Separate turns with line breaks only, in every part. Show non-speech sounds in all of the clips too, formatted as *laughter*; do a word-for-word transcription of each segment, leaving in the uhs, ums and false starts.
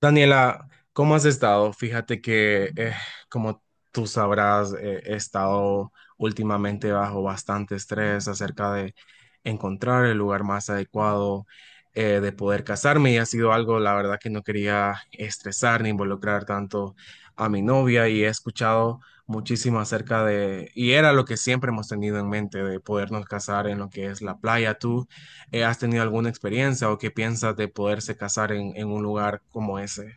Daniela, ¿cómo has estado? Fíjate que, eh, como tú sabrás, eh, he estado últimamente bajo bastante estrés acerca de encontrar el lugar más adecuado eh, de poder casarme y ha sido algo, la verdad, que no quería estresar ni involucrar tanto a mi novia y he escuchado muchísimo acerca de, y era lo que siempre hemos tenido en mente, de podernos casar en lo que es la playa. ¿Tú eh, has tenido alguna experiencia o qué piensas de poderse casar en, en un lugar como ese?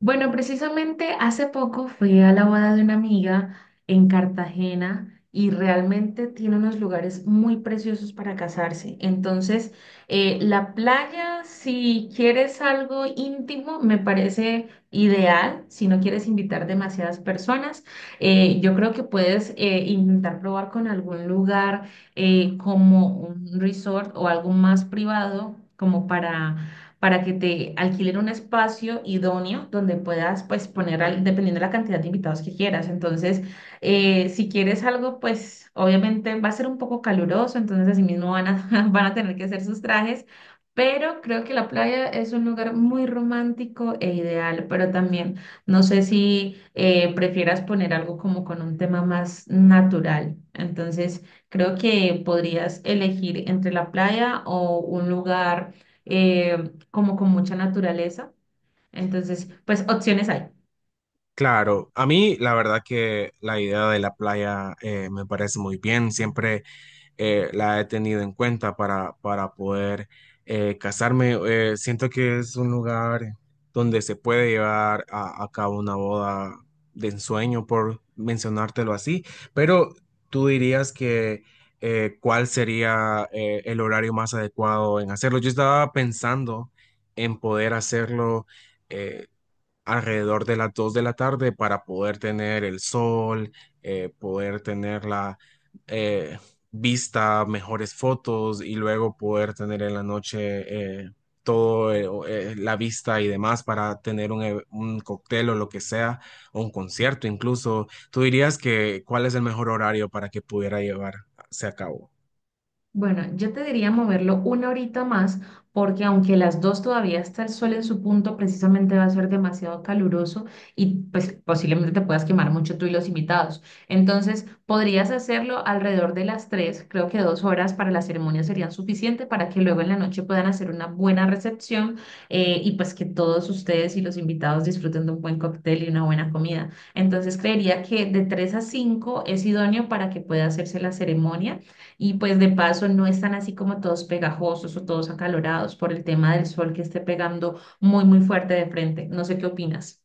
Bueno, precisamente hace poco fui a la boda de una amiga en Cartagena y realmente tiene unos lugares muy preciosos para casarse. Entonces, eh, la playa, si quieres algo íntimo, me parece ideal. Si no quieres invitar demasiadas personas. Eh, yo creo que puedes eh, intentar probar con algún lugar eh, como un resort o algo más privado, como para para que te alquilen un espacio idóneo donde puedas pues poner, al- dependiendo de la cantidad de invitados que quieras. Entonces, eh, si quieres algo, pues obviamente va a ser un poco caluroso, entonces así mismo van a, *laughs* van a tener que hacer sus trajes, pero creo que la playa es un lugar muy romántico e ideal, pero también no sé si eh, prefieras poner algo como con un tema más natural. Entonces, creo que podrías elegir entre la playa o un lugar eh, como con mucha naturaleza. Entonces, pues opciones hay.
Claro, a mí la verdad que la idea de la playa eh, me parece muy bien. Siempre eh, la he tenido en cuenta para, para poder eh, casarme. Eh, siento que es un lugar donde se puede llevar a, a cabo una boda de ensueño, por mencionártelo así, pero tú dirías que eh, cuál sería eh, el horario más adecuado en hacerlo. Yo estaba pensando en poder hacerlo eh, alrededor de las dos de la tarde para poder tener el sol, eh, poder tener la eh, vista, mejores fotos y luego poder tener en la noche eh, todo eh, o, eh, la vista y demás para tener un, e- un cóctel o lo que sea, o un concierto incluso. ¿Tú dirías que cuál es el mejor horario para que pudiera llevarse a cabo?
Bueno, yo te diría moverlo una horita más porque aunque las dos todavía está el sol en su punto, precisamente va a ser demasiado caluroso y pues posiblemente te puedas quemar mucho tú y los invitados. Entonces, podrías hacerlo alrededor de las tres, creo que dos horas para la ceremonia serían suficiente para que luego en la noche puedan hacer una buena recepción eh, y pues que todos ustedes y los invitados disfruten de un buen cóctel y una buena comida. Entonces, creería que de tres a cinco es idóneo para que pueda hacerse la ceremonia y pues de paso no están así como todos pegajosos o todos acalorados por el tema del sol que esté pegando muy, muy fuerte de frente. No sé qué opinas.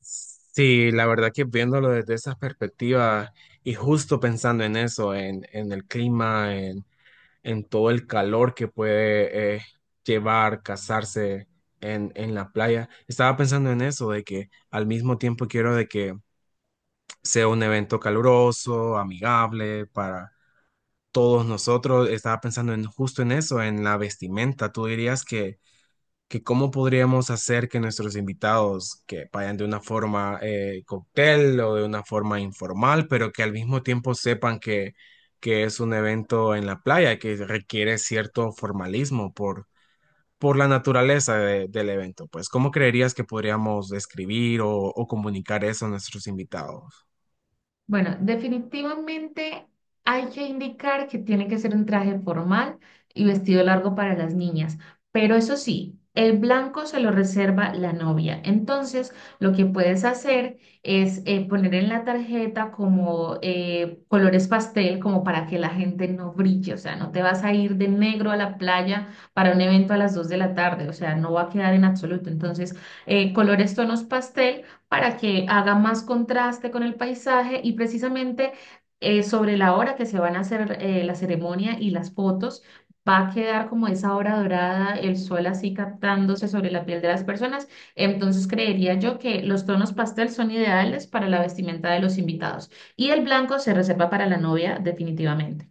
Sí, la verdad que viéndolo desde esa perspectiva y justo pensando en eso, en, en el clima, en todo el calor que puede eh, llevar casarse en, en la playa. Estaba pensando en eso, de que al mismo tiempo quiero de que sea un evento caluroso, amigable para todos nosotros. Estaba pensando en justo en eso, en la vestimenta. ¿Tú dirías que que cómo podríamos hacer que nuestros invitados que vayan de una forma eh, cóctel o de una forma informal, pero que al mismo tiempo sepan que, que es un evento en la playa, que requiere cierto formalismo por, por la naturaleza de- del evento. Pues, ¿cómo creerías que podríamos describir o, o comunicar eso a nuestros invitados?
Bueno, definitivamente hay que indicar que tiene que ser un traje formal y vestido largo para las niñas, pero eso sí, el blanco se lo reserva la novia. Entonces, lo que puedes hacer es eh, poner en la tarjeta como eh, colores pastel, como para que la gente no brille, o sea, no te vas a ir de negro a la playa para un evento a las dos de la tarde, o sea, no va a quedar en absoluto. Entonces, eh, colores tonos pastel para que haga más contraste con el paisaje y precisamente eh, sobre la hora que se van a hacer eh, la ceremonia y las fotos, va a quedar como esa hora dorada, el sol así captándose sobre la piel de las personas. Entonces creería yo que los tonos pastel son ideales para la vestimenta de los invitados y el blanco se reserva para la novia definitivamente.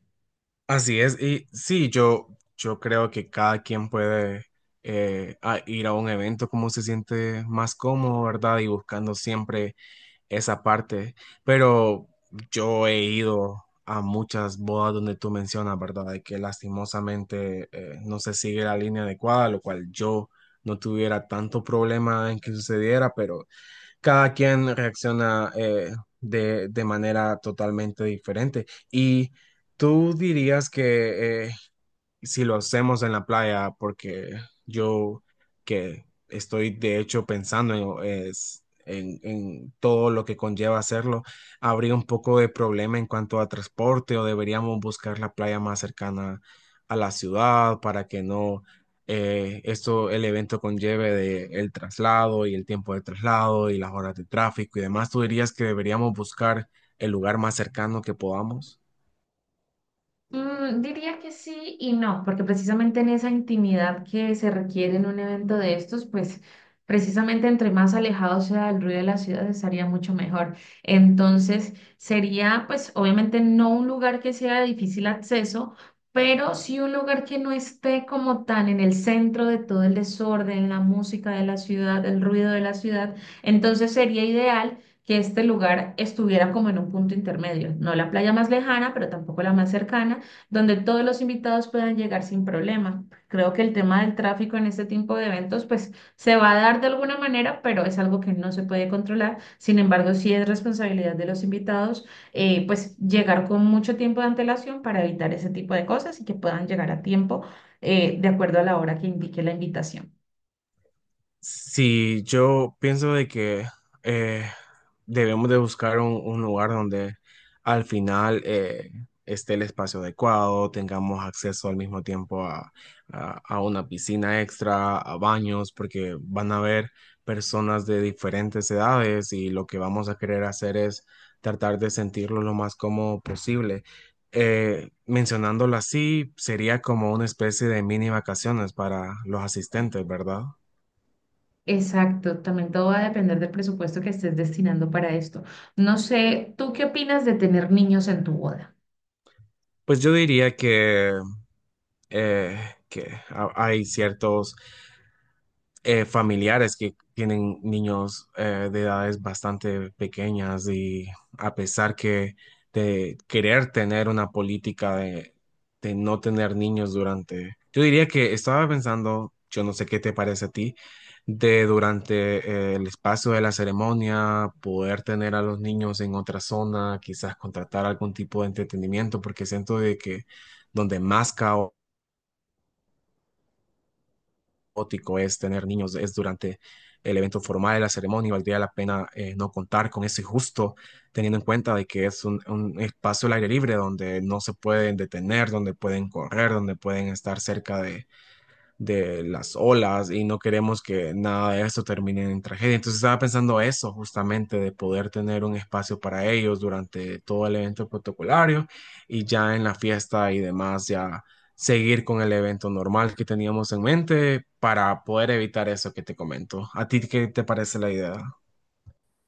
Así es, y sí, yo, yo creo que cada quien puede eh, a- ir a un evento como se siente más cómodo, ¿verdad? Y buscando siempre esa parte, pero yo he ido a muchas bodas donde tú mencionas, ¿verdad? De que lastimosamente eh, no se sigue la línea adecuada, lo cual yo no tuviera tanto problema en que sucediera, pero cada quien reacciona eh, de, de manera totalmente diferente. Y tú dirías que eh, si lo hacemos en la playa, porque yo que estoy de hecho pensando en, es- en- en todo lo que conlleva hacerlo, habría un poco de problema en cuanto a transporte o deberíamos buscar la playa más cercana a la ciudad para que no eh, esto, el evento conlleve de el traslado y el tiempo de traslado y las horas de tráfico y demás. ¿Tú dirías que deberíamos buscar el lugar más cercano que podamos?
Mm, diría que sí y no, porque precisamente en esa intimidad que se requiere en un evento de estos, pues precisamente entre más alejado sea el ruido de la ciudad estaría mucho mejor. Entonces sería pues obviamente no un lugar que sea de difícil acceso, pero sí un lugar que no esté como tan en el centro de todo el desorden, la música de la ciudad, el ruido de la ciudad. Entonces sería ideal que este lugar estuviera como en un punto intermedio, no la playa más lejana, pero tampoco la más cercana donde todos los invitados puedan llegar sin problema. Creo que el tema del tráfico en este tipo de eventos, pues se va a dar de alguna manera, pero es algo que no se puede controlar. Sin embargo, sí es responsabilidad de los invitados, eh, pues llegar con mucho tiempo de antelación para evitar ese tipo de cosas y que puedan llegar a tiempo, eh, de acuerdo a la hora que indique la invitación.
Sí, yo pienso de que eh, debemos de buscar un, un lugar donde al final eh, esté el espacio adecuado, tengamos acceso al mismo tiempo a, a- a una piscina extra, a baños, porque van a haber personas de diferentes edades y lo que vamos a querer hacer es tratar de sentirlo lo más cómodo posible. Eh, mencionándolo así, sería como una especie de mini vacaciones para los asistentes, ¿verdad?
Exacto, también todo va a depender del presupuesto que estés destinando para esto. No sé, ¿tú qué opinas de tener niños en tu boda?
Pues yo diría que, eh, que ha- hay ciertos eh, familiares que tienen niños eh, de edades bastante pequeñas y a pesar que de querer tener una política de, de no tener niños durante, yo diría que estaba pensando, yo no sé qué te parece a ti, de durante eh, el espacio de la ceremonia poder tener a los niños en otra zona, quizás contratar algún tipo de entretenimiento, porque siento de que donde más caos ótico es tener niños, es durante el evento formal, la ceremonia, y valdría la pena eh, no contar con ese justo, teniendo en cuenta de que es un, un espacio al aire libre donde no se pueden detener, donde pueden correr, donde pueden estar cerca de de las olas y no queremos que nada de esto termine en tragedia. Entonces estaba pensando eso justamente, de poder tener un espacio para ellos durante todo el evento protocolario y ya en la fiesta y demás, ya seguir con el evento normal que teníamos en mente para poder evitar eso que te comento. ¿A ti qué te parece la idea?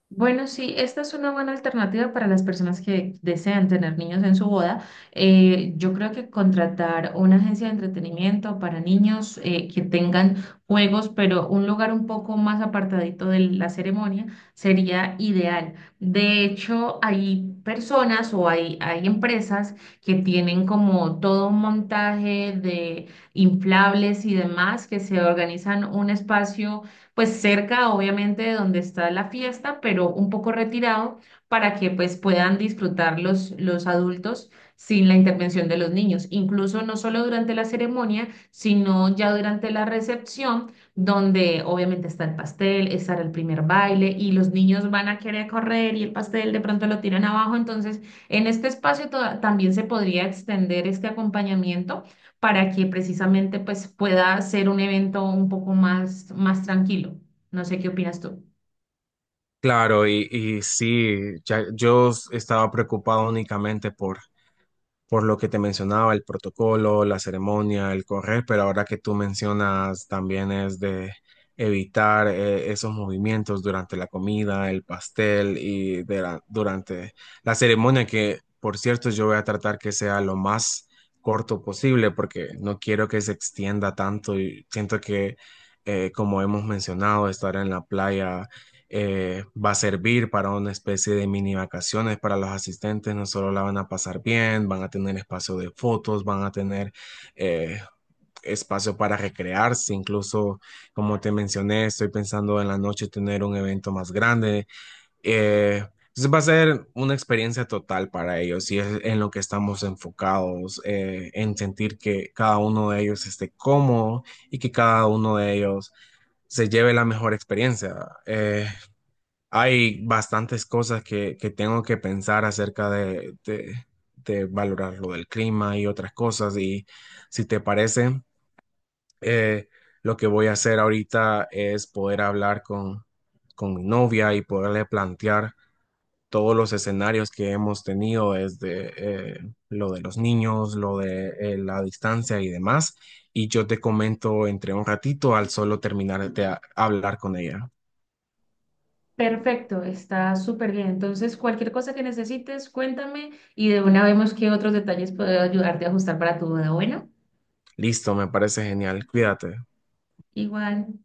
Bueno, sí, esta es una buena alternativa para las personas que desean tener niños en su boda. Eh, yo creo que contratar una agencia de entretenimiento para niños eh, que tengan juegos, pero un lugar un poco más apartadito de la ceremonia sería ideal. De hecho, hay personas o hay, hay empresas que tienen como todo un montaje de inflables y demás que se organizan un espacio pues cerca obviamente de donde está la fiesta, pero un poco retirado para que pues puedan disfrutar los, los adultos sin la intervención de los niños, incluso no solo durante la ceremonia, sino ya durante la recepción, donde obviamente está el pastel, está el primer baile y los niños van a querer correr y el pastel de pronto lo tiran abajo, entonces en este espacio to- también se podría extender este acompañamiento para que precisamente pues pueda ser un evento un poco más, más tranquilo. No sé qué opinas tú.
Claro, y, y sí, ya- yo estaba preocupado únicamente por por lo que te mencionaba, el protocolo, la ceremonia, el correr, pero ahora que tú mencionas también es de evitar eh, esos movimientos durante la comida, el pastel y de la- durante la ceremonia, que por cierto yo voy a tratar que sea lo más corto posible porque no quiero que se extienda tanto y siento que, eh, como hemos mencionado, estar en la playa eh, va a servir para una especie de mini vacaciones para los asistentes. No solo la van a pasar bien, van a tener espacio de fotos, van a tener eh, espacio para recrearse. Incluso, como te mencioné, estoy pensando en la noche tener un evento más grande. Eh, entonces va a ser una experiencia total para ellos y es en lo que estamos enfocados, eh, en sentir que cada uno de ellos esté cómodo y que cada uno de ellos se lleve la mejor experiencia. Eh, hay bastantes cosas que, que tengo que pensar acerca de, de, de valorar lo del clima y otras cosas. Y si te parece, eh, lo que voy a hacer ahorita es poder hablar con, con mi novia y poderle plantear todos los escenarios que hemos tenido desde eh, lo de los niños, lo de eh, la distancia y demás. Y yo te comento entre un ratito al solo terminar de a- hablar con ella.
Perfecto, está súper bien. Entonces, cualquier cosa que necesites, cuéntame y de una vemos qué otros detalles puedo ayudarte a ajustar para tu boda. Bueno,
Listo, me parece genial. Cuídate.
igual.